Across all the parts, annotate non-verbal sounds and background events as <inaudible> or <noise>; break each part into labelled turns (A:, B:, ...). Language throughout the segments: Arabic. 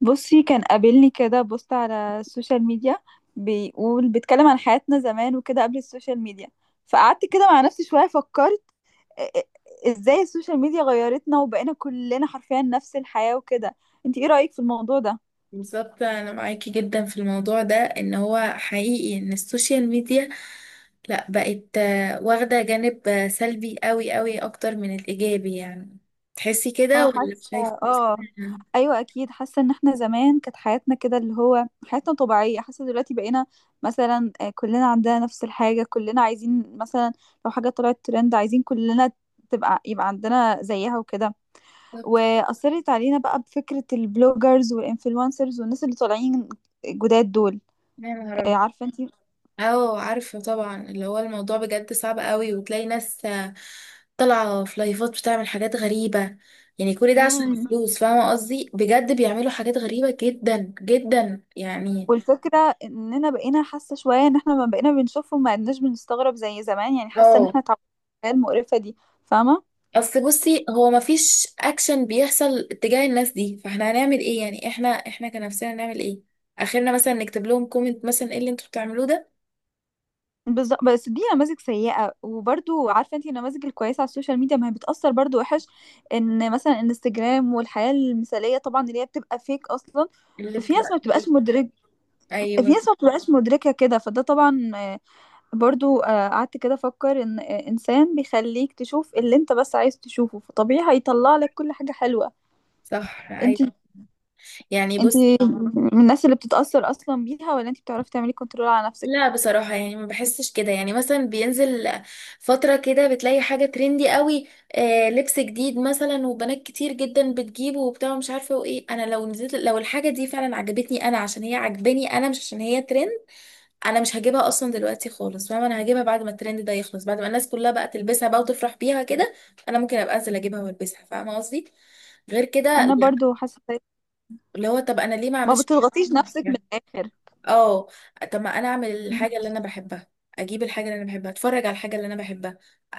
A: بصي كان قابلني كده بوست على السوشيال ميديا، بيقول بيتكلم عن حياتنا زمان وكده قبل السوشيال ميديا. فقعدت كده مع نفسي شوية فكرت إ- ازاي السوشيال ميديا غيرتنا وبقينا كلنا حرفيا نفس الحياة وكده. انت ايه رأيك في الموضوع ده؟
B: بالظبط انا معاكي جدا في الموضوع ده ان هو حقيقي ان السوشيال ميديا لا بقت واخده جانب سلبي قوي قوي اكتر من الايجابي يعني، تحسي
A: اه
B: كده ولا
A: حاسة.
B: شايفه؟
A: اه، ايوه اكيد حاسه ان احنا زمان كانت حياتنا كده اللي هو حياتنا طبيعيه، حاسه دلوقتي بقينا مثلا كلنا عندنا نفس الحاجه، كلنا عايزين مثلا لو حاجه طلعت ترند عايزين كلنا تبقى يبقى عندنا زيها وكده.
B: بالظبط.
A: واثرت علينا بقى بفكره البلوجرز والانفلونسرز والناس اللي طالعين جداد دول.
B: يا نهار أبيض.
A: عارفه انت.
B: اه عارفه طبعا اللي هو الموضوع بجد صعب قوي، وتلاقي ناس طالعه في لايفات بتعمل حاجات غريبه. يعني كل ده عشان
A: امم
B: فلوس، فاهمه قصدي؟ بجد بيعملوا حاجات غريبه جدا جدا يعني.
A: والفكره اننا بقينا حاسه شويه ان احنا ما بقينا بنشوفهم، ما عدناش بنستغرب زي زمان، يعني حاسه ان
B: اه.
A: احنا اتعودنا على المقرفه دي. فاهمه؟
B: اصل بصي هو مفيش اكشن بيحصل تجاه الناس دي، فاحنا هنعمل ايه يعني؟ احنا كنفسنا هنعمل ايه؟ اخرنا مثلا نكتب لهم كومنت مثلا، ايه اللي انتوا بتعملوه ده.
A: بالظبط، بس دي نماذج سيئه، وبرضو عارفه انت النماذج الكويسه على السوشيال ميديا ما هي بتاثر برضو وحش، ان مثلا انستجرام والحياه المثاليه طبعا اللي هي بتبقى فيك اصلا.
B: اللي
A: في ناس
B: بتبقى
A: ما
B: فيه.
A: بتبقاش مدرك، في
B: ايوه.
A: ناس ما بتبقاش مدركه كده، فده طبعا برضو. قعدت كده افكر ان انسان بيخليك تشوف اللي انت بس عايز تشوفه، فطبيعي هيطلع لك كل حاجة حلوة.
B: صح.
A: انت
B: ايوه. يعني
A: انت
B: بصي،
A: من الناس اللي بتتأثر اصلا بيها، ولا انت بتعرفي تعملي كنترول على نفسك؟
B: لا بصراحة يعني ما بحسش كده. يعني مثلا بينزل فترة كده بتلاقي حاجة ترندي قوي، آه لبس جديد مثلا، وبنات كتير جدا بتجيبه وبتاع، مش عارفة وايه. انا لو نزلت، لو الحاجة دي فعلا عجبتني، انا عشان هي عجباني انا، مش عشان هي ترند. انا مش هجيبها اصلا دلوقتي خالص، فاهمه؟ انا هجيبها بعد ما الترند ده يخلص، بعد ما الناس كلها بقى تلبسها بقى وتفرح بيها كده، انا ممكن ابقى انزل اجيبها والبسها، فاهمه قصدي؟ غير كده
A: انا
B: لأ.
A: برضو حاسة.
B: اللي هو طب انا ليه ما
A: ما
B: اعملش
A: بتضغطيش نفسك من
B: حاجة؟
A: الاخر.
B: اه. طب ما انا اعمل الحاجه اللي انا بحبها، اجيب الحاجه اللي انا بحبها، اتفرج على الحاجه اللي انا بحبها.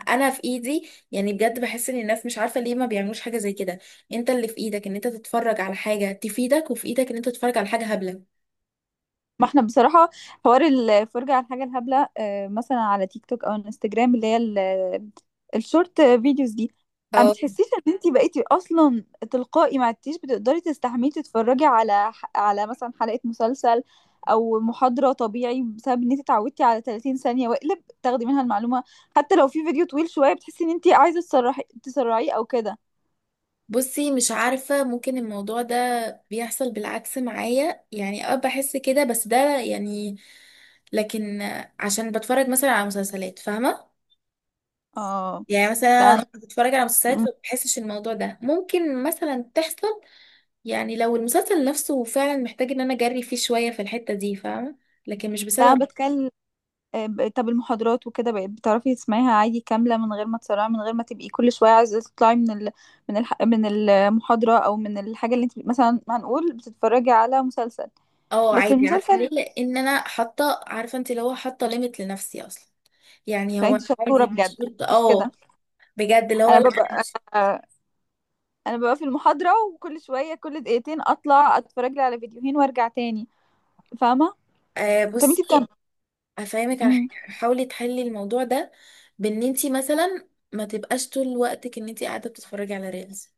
B: انا في ايدي يعني. بجد بحس ان الناس مش عارفه ليه ما بيعملوش حاجه زي كده. انت اللي في ايدك ان انت تتفرج على حاجه تفيدك، وفي ايدك ان انت تتفرج على حاجه هبله.
A: ما احنا بصراحة حوار الفرجة على الحاجة الهبلة مثلا على تيك توك او انستجرام اللي هي الشورت فيديوز دي. ما
B: اه.
A: بتحسيش ان انتي بقيتي اصلا تلقائي ما عدتيش بتقدري تستحملي تتفرجي على على مثلا حلقة مسلسل او محاضرة طبيعي، بسبب ان انتي اتعودتي على 30 ثانية واقلب تاخدي منها المعلومة. حتى لو في فيديو طويل شوية بتحسي ان انتي عايزة تسرحي تسرعيه او كده.
B: بصي مش عارفة، ممكن الموضوع ده بيحصل بالعكس معايا. يعني اه بحس كده بس ده يعني، لكن عشان بتفرج مثلا على مسلسلات، فاهمة؟
A: اه.
B: يعني
A: لا
B: مثلا
A: انا
B: بتفرج على مسلسلات فبحسش الموضوع ده ممكن مثلا تحصل. يعني لو المسلسل نفسه فعلا محتاج ان انا اجري فيه شوية في الحتة دي، فاهمة؟ لكن مش
A: لا انا
B: بسبب.
A: بتكلم. طب المحاضرات وكده بقيت بتعرفي تسمعيها عادي كاملة من غير ما تسرعي، من غير ما تبقي كل شوية عايزة تطلعي من المحاضرة، أو من الحاجة اللي انت مثلا هنقول بتتفرجي على مسلسل؟
B: اه
A: بس
B: عادي، عارفة ليه؟
A: المسلسل،
B: لان انا حاطة، عارفة انت، اللي هو حاطة ليميت لنفسي اصلا. يعني
A: لا
B: هو
A: انت
B: انا
A: شطورة
B: عادي مش
A: بجد
B: شرط.
A: مش كده.
B: اه. بجد اللي هو
A: أنا
B: لا.
A: ببقى آه، أنا ببقى في المحاضرة، وكل شوية كل دقيقتين أطلع أتفرج لي على فيديوهين وأرجع تاني. فاهمة؟
B: آه
A: طب انت
B: بصي،
A: بتعملي.
B: افهمك على
A: مم،
B: حاجه، حاولي تحلي الموضوع ده بان انت مثلا ما تبقاش طول وقتك ان انت قاعده بتتفرجي على ريلز.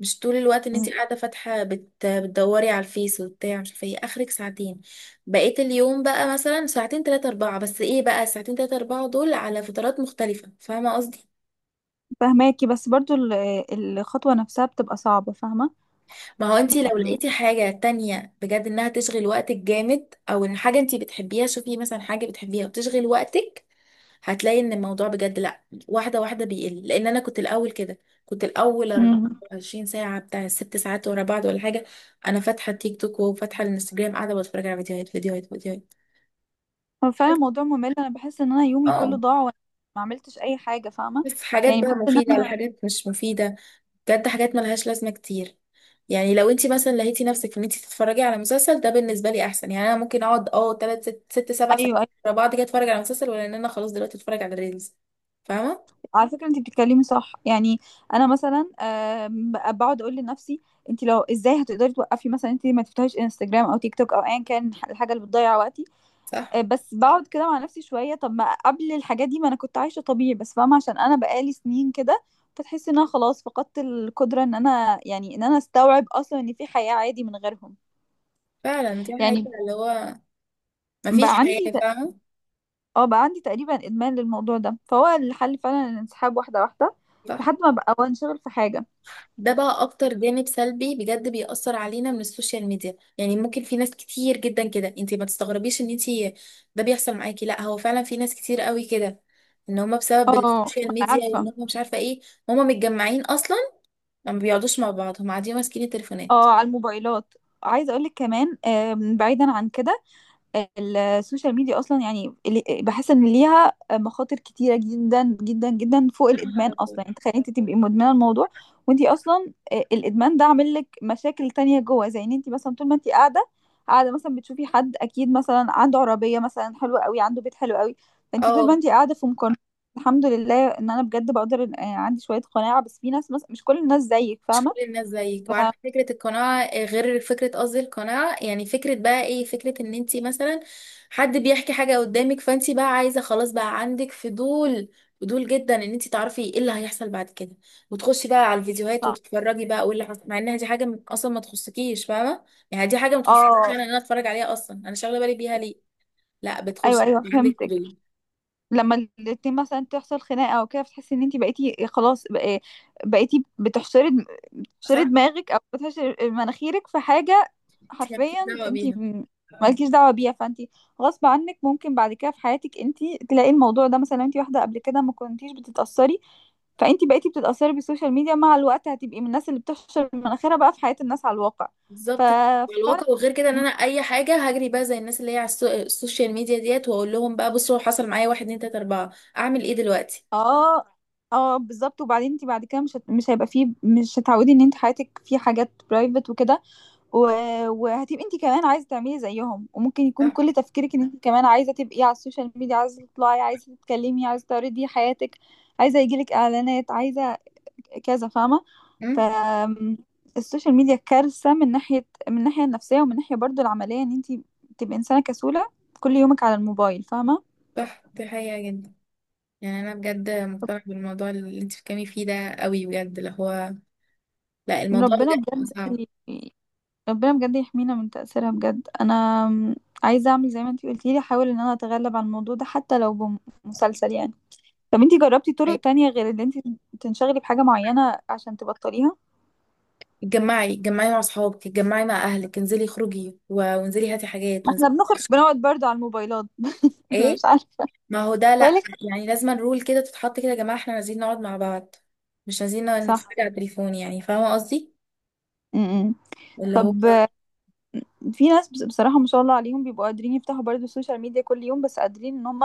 B: مش طول الوقت ان انت
A: مم،
B: قاعده فاتحه، بتدوري على الفيس وبتاع مش عارفه ايه، اخرك ساعتين. بقيت اليوم بقى مثلا ساعتين تلاتة اربعة، بس ايه بقى، ساعتين تلاتة اربعة دول على فترات مختلفه، فاهمه قصدي؟
A: فاهماكي، بس برضو الخطوة نفسها بتبقى صعبة. فاهمة
B: ما هو انت لو
A: يعني.
B: لقيتي حاجه تانية بجد انها تشغل وقتك جامد، او ان حاجه انت بتحبيها، شوفي مثلا حاجه بتحبيها وتشغل وقتك، هتلاقي ان الموضوع بجد لا، واحده واحده بيقل. لان انا كنت الاول كده، كنت الاول
A: مم.
B: 24 ساعه بتاع ست ساعات ورا بعض ولا حاجه، انا فاتحه تيك توك وفاتحه الانستجرام قاعده بتفرج على فيديوهات فيديوهات فيديوهات.
A: هو فعلا موضوع ممل، انا بحس ان انا يومي كله
B: اه.
A: ضاع وانا ما عملتش اي حاجه، فاهمه؟
B: بس حاجات
A: يعني
B: بقى
A: بحس ان
B: مفيده ولا
A: انا.
B: حاجات مش مفيده؟ بجد حاجات ملهاش لازمه كتير. يعني لو انت مثلا لقيتي نفسك في ان انت تتفرجي على مسلسل، ده بالنسبه لي احسن. يعني انا ممكن اقعد اه تلات ست ست سبع ساعات
A: ايوه ايوه.
B: ورا بعض كده اتفرج على مسلسل، ولا ان انا خلاص دلوقتي اتفرج على ريلز، فاهمه؟
A: على فكره انت بتتكلمي صح يعني. انا مثلا آم، بقعد اقول لنفسي، انت لو ازاي هتقدري توقفي، مثلا انت ما تفتحيش انستجرام او تيك توك او ايا كان الحاجه اللي بتضيع وقتي.
B: صح
A: بس بقعد كده مع نفسي شويه، طب ما قبل الحاجات دي ما انا كنت عايشه طبيعي، بس فاهمه عشان انا بقالي سنين كده. فتحس ان انا خلاص فقدت القدره ان انا، يعني ان انا استوعب اصلا ان في حياه عادي من غيرهم.
B: فعلا. دي
A: يعني
B: حقيقة، اللي هو مفيش
A: بقى عندي،
B: حياة، فاهمة؟
A: اه بقى عندي تقريبا ادمان للموضوع ده، فهو الحل فعلا الانسحاب واحده واحده
B: صح.
A: لحد ما بقى وانشغل في حاجه.
B: ده بقى اكتر جانب سلبي بجد بيأثر علينا من السوشيال ميديا. يعني ممكن في ناس كتير جدا كده، انتي ما تستغربيش ان انتي ده بيحصل معاكي، لا هو فعلا في ناس كتير قوي كده ان هما بسبب
A: اه
B: السوشيال
A: ما انا
B: ميديا وان
A: عارفه.
B: هما مش عارفة ايه، هما متجمعين اصلا ما بيقعدوش مع بعض، هما قاعدين ماسكين التليفونات.
A: اه على الموبايلات. عايزه اقول لك كمان آم، بعيدا عن كده، السوشيال ميديا اصلا يعني بحس ان ليها مخاطر كتيره جدا جدا جدا فوق
B: يا نهار
A: الادمان
B: أبيض.
A: اصلا. يعني تخيلي انت تبقي مدمنه الموضوع وانت اصلا الادمان ده عامل لك مشاكل تانية جوه، زي ان انت مثلا طول ما انت قاعده، قاعده مثلا بتشوفي حد اكيد مثلا عنده عربيه مثلا حلوه قوي، عنده بيت حلو قوي، فانت طول ما
B: اه.
A: انت قاعده في مقارنه. الحمد لله ان انا بجد بقدر عندي شويه قناعه، بس في ناس مثلا مش كل الناس زيك
B: مش
A: فاهمه.
B: كل الناس زيك.
A: ف...
B: وعارفه فكره القناعه غير فكره، قصدي القناعه يعني، فكره بقى ايه، فكره ان انت مثلا حد بيحكي حاجه قدامك فانت بقى عايزه خلاص، بقى عندك فضول، فضول جدا ان انت تعرفي ايه اللي هيحصل بعد كده، وتخشي بقى على الفيديوهات وتتفرجي بقى وايه اللي حصل، مع انها دي حاجه اصلا ما تخصكيش، فاهمه؟ يعني دي حاجه ما تخصكيش،
A: اه.
B: انا ان انا اتفرج عليها اصلا، انا شاغله بالي بيها ليه؟ لا
A: ايوه
B: بتخشي
A: ايوه
B: عندك
A: فهمتك.
B: فضول.
A: لما الاتنين مثلا تحصل خناقه او كده، بتحسي ان انت بقيتي خلاص بقيتي بتحشري
B: صح.
A: دماغك، او بتحشري مناخيرك في حاجه
B: انت مالكيش
A: حرفيا.
B: دعوه
A: انت
B: بيها.
A: مالكيش دعوه بيها، فانت غصب عنك ممكن بعد كده في حياتك انت تلاقي الموضوع ده، مثلا انت واحده قبل كده ما كنتيش بتتاثري، فانت بقيتي بتتاثري بالسوشيال ميديا، مع الوقت هتبقي من الناس اللي بتحشر مناخيرها بقى في حياه الناس على الواقع.
B: بالظبط كده. على
A: ففعلا.
B: الواقع. وغير كده ان انا اي حاجه هجري بقى زي الناس اللي هي على السوشيال ميديا ديت، واقول لهم بقى بصوا حصل معايا واحد اتنين تلاته اربعه، اعمل ايه دلوقتي؟
A: اه. اه بالظبط. وبعدين انت بعد كده مش هيبقى فيه، مش هتعودي ان انت حياتك في حاجات برايفت وكده. و... وهتبقي انت كمان عايزه تعملي زيهم، وممكن يكون كل
B: صح.
A: تفكيرك ان انت كمان عايزه تبقي على السوشيال ميديا، عايزه تطلعي، عايزه تتكلمي، عايزه تعرضي حياتك، عايزه يجيلك اعلانات، عايزه كذا. فاهمه؟ ف
B: أم؟
A: السوشيال ميديا كارثه من ناحيه، من الناحيه النفسيه، ومن ناحيه برضو العمليه ان انت تبقي انسانه كسوله كل يومك على الموبايل، فاهمه.
B: صح. دي حقيقه جدا. يعني انا بجد مقتنعه بالموضوع اللي انت بتتكلمي فيه ده قوي. بجد اللي هو لا، الموضوع
A: ربنا
B: بجد
A: بجد،
B: صعب.
A: ربنا بجد يحمينا من تأثيرها بجد. انا عايزة اعمل زي ما انتي قلتي لي، احاول ان انا اتغلب على الموضوع ده حتى لو بمسلسل يعني. طب انتي جربتي طرق
B: أيوة.
A: تانية غير ان انتي تنشغلي بحاجة معينة عشان تبطليها؟
B: اتجمعي، اتجمعي مع اصحابك، اتجمعي مع اهلك، انزلي خروجي، وانزلي هاتي حاجات،
A: ما احنا
B: وانزلي.
A: بنخرج بنقعد برضه على الموبايلات <laughs>
B: ايه.
A: مش عارفة.
B: ما هو ده لا،
A: بقولك.
B: يعني لازم رول كده تتحط كده، يا جماعه احنا نازلين نقعد مع بعض، مش عايزين نقعد
A: صح.
B: نتفرج على التليفون، يعني فاهمه قصدي؟
A: م-م.
B: اللي هو
A: في بصراحة ما شاء الله عليهم بيبقوا قادرين يفتحوا برضه السوشيال ميديا كل يوم، بس قادرين ان هم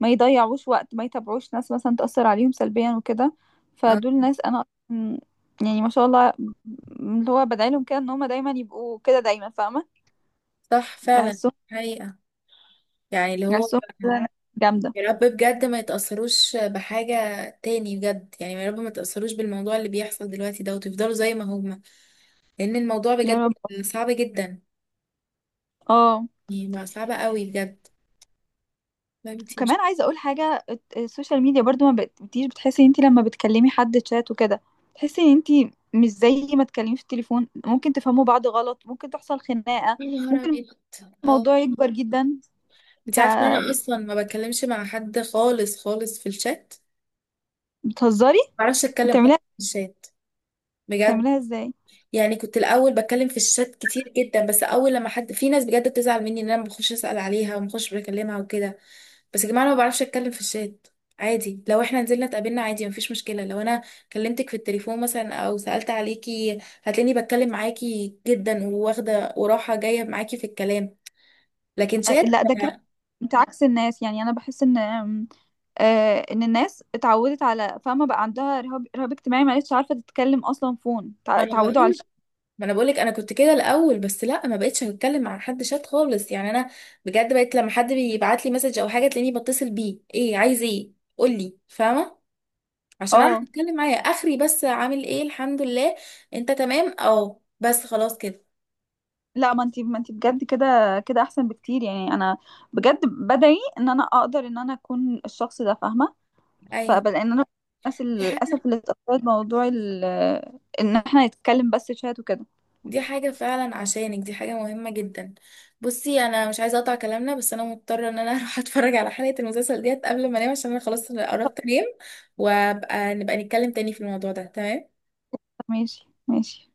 A: ما يضيعوش وقت، ما يتابعوش ناس مثلا تأثر عليهم سلبيا وكده.
B: آه،
A: فدول ناس انا أصلاً يعني ما شاء الله اللي هو بدعي لهم كده ان هم دايما يبقوا كده دايما، فاهمة؟
B: صح فعلا.
A: بحسهم
B: حقيقة. يعني اللي هو،
A: بحسهم كده ناس جامدة.
B: يا رب بجد ما يتأثروش بحاجة تاني، بجد يعني يا رب ما يتأثروش بالموضوع اللي بيحصل دلوقتي ده، وتفضلوا زي ما هما. لأن الموضوع بجد
A: يا رب.
B: صعب جدا،
A: اه
B: يعني بقى صعب قوي بجد. لا انتي مش.
A: كمان عايزة اقول حاجة، السوشيال ميديا برضو ما بتبقيش بتحسي ان انت لما بتكلمي حد تشات وكده، تحسي ان انت مش زي ما تكلمي في التليفون. ممكن تفهموا بعض غلط، ممكن تحصل خناقة،
B: يا نهار
A: ممكن
B: أبيض. اه.
A: الموضوع يكبر جدا
B: انتي عارفة إن أنا أصلا ما بتكلمش مع حد خالص خالص في الشات،
A: فبتهزري.
B: ما بعرفش أتكلم أصلا
A: بتعمليها،
B: في الشات بجد.
A: بتعمليها ازاي؟
B: يعني كنت الاول بتكلم في الشات كتير جدا، بس اول لما حد، في ناس بجد بتزعل مني ان انا ما بخش اسال عليها ومخش بكلمها وكده، بس يا جماعه انا ما بعرفش اتكلم في الشات. عادي لو احنا نزلنا اتقابلنا عادي مفيش مشكله، لو انا كلمتك في التليفون مثلا او سالت عليكي هتلاقيني بتكلم معاكي جدا وواخده وراحه جايه معاكي في الكلام، لكن شات.
A: لا ده كده انت عكس الناس. يعني انا بحس ان آم، آه، ان الناس اتعودت على، فاهمه، بقى عندها رهاب اجتماعي، ما عادش عارفه تتكلم اصلا فون،
B: ما انا
A: اتعودوا على
B: بقول ما انا بقولك انا كنت كده الاول، بس لا ما بقتش هتكلم مع حد شات خالص، يعني انا بجد بقيت لما حد بيبعت لي مسج او حاجه تلاقيني بتصل بيه، ايه عايز ايه قولي، فاهمه؟ عشان اعرف
A: اه.
B: اتكلم معاه. اخري بس، عامل ايه الحمد لله، انت تمام؟ اه بس خلاص كده.
A: لا ما انت بجد كده، كده احسن بكتير، يعني انا بجد بدعي ان انا اقدر ان انا اكون الشخص ده، فاهمه؟
B: ايوه
A: فبلا ان انا الناس
B: دي حاجه
A: للاسف اللي اتأثرت بموضوع ان احنا نتكلم بس شات وكده.
B: دي حاجه فعلا عشانك، دي حاجه مهمه جدا. بصي انا مش عايزه اقطع كلامنا، بس انا مضطره ان انا <laughs> اروح اتفرج على حلقه المسلسل ديت قبل ما انام، عشان انا خلاص قربت انام، وابقى نتكلم تاني في الموضوع ده، تمام؟
A: ماشي ماشي.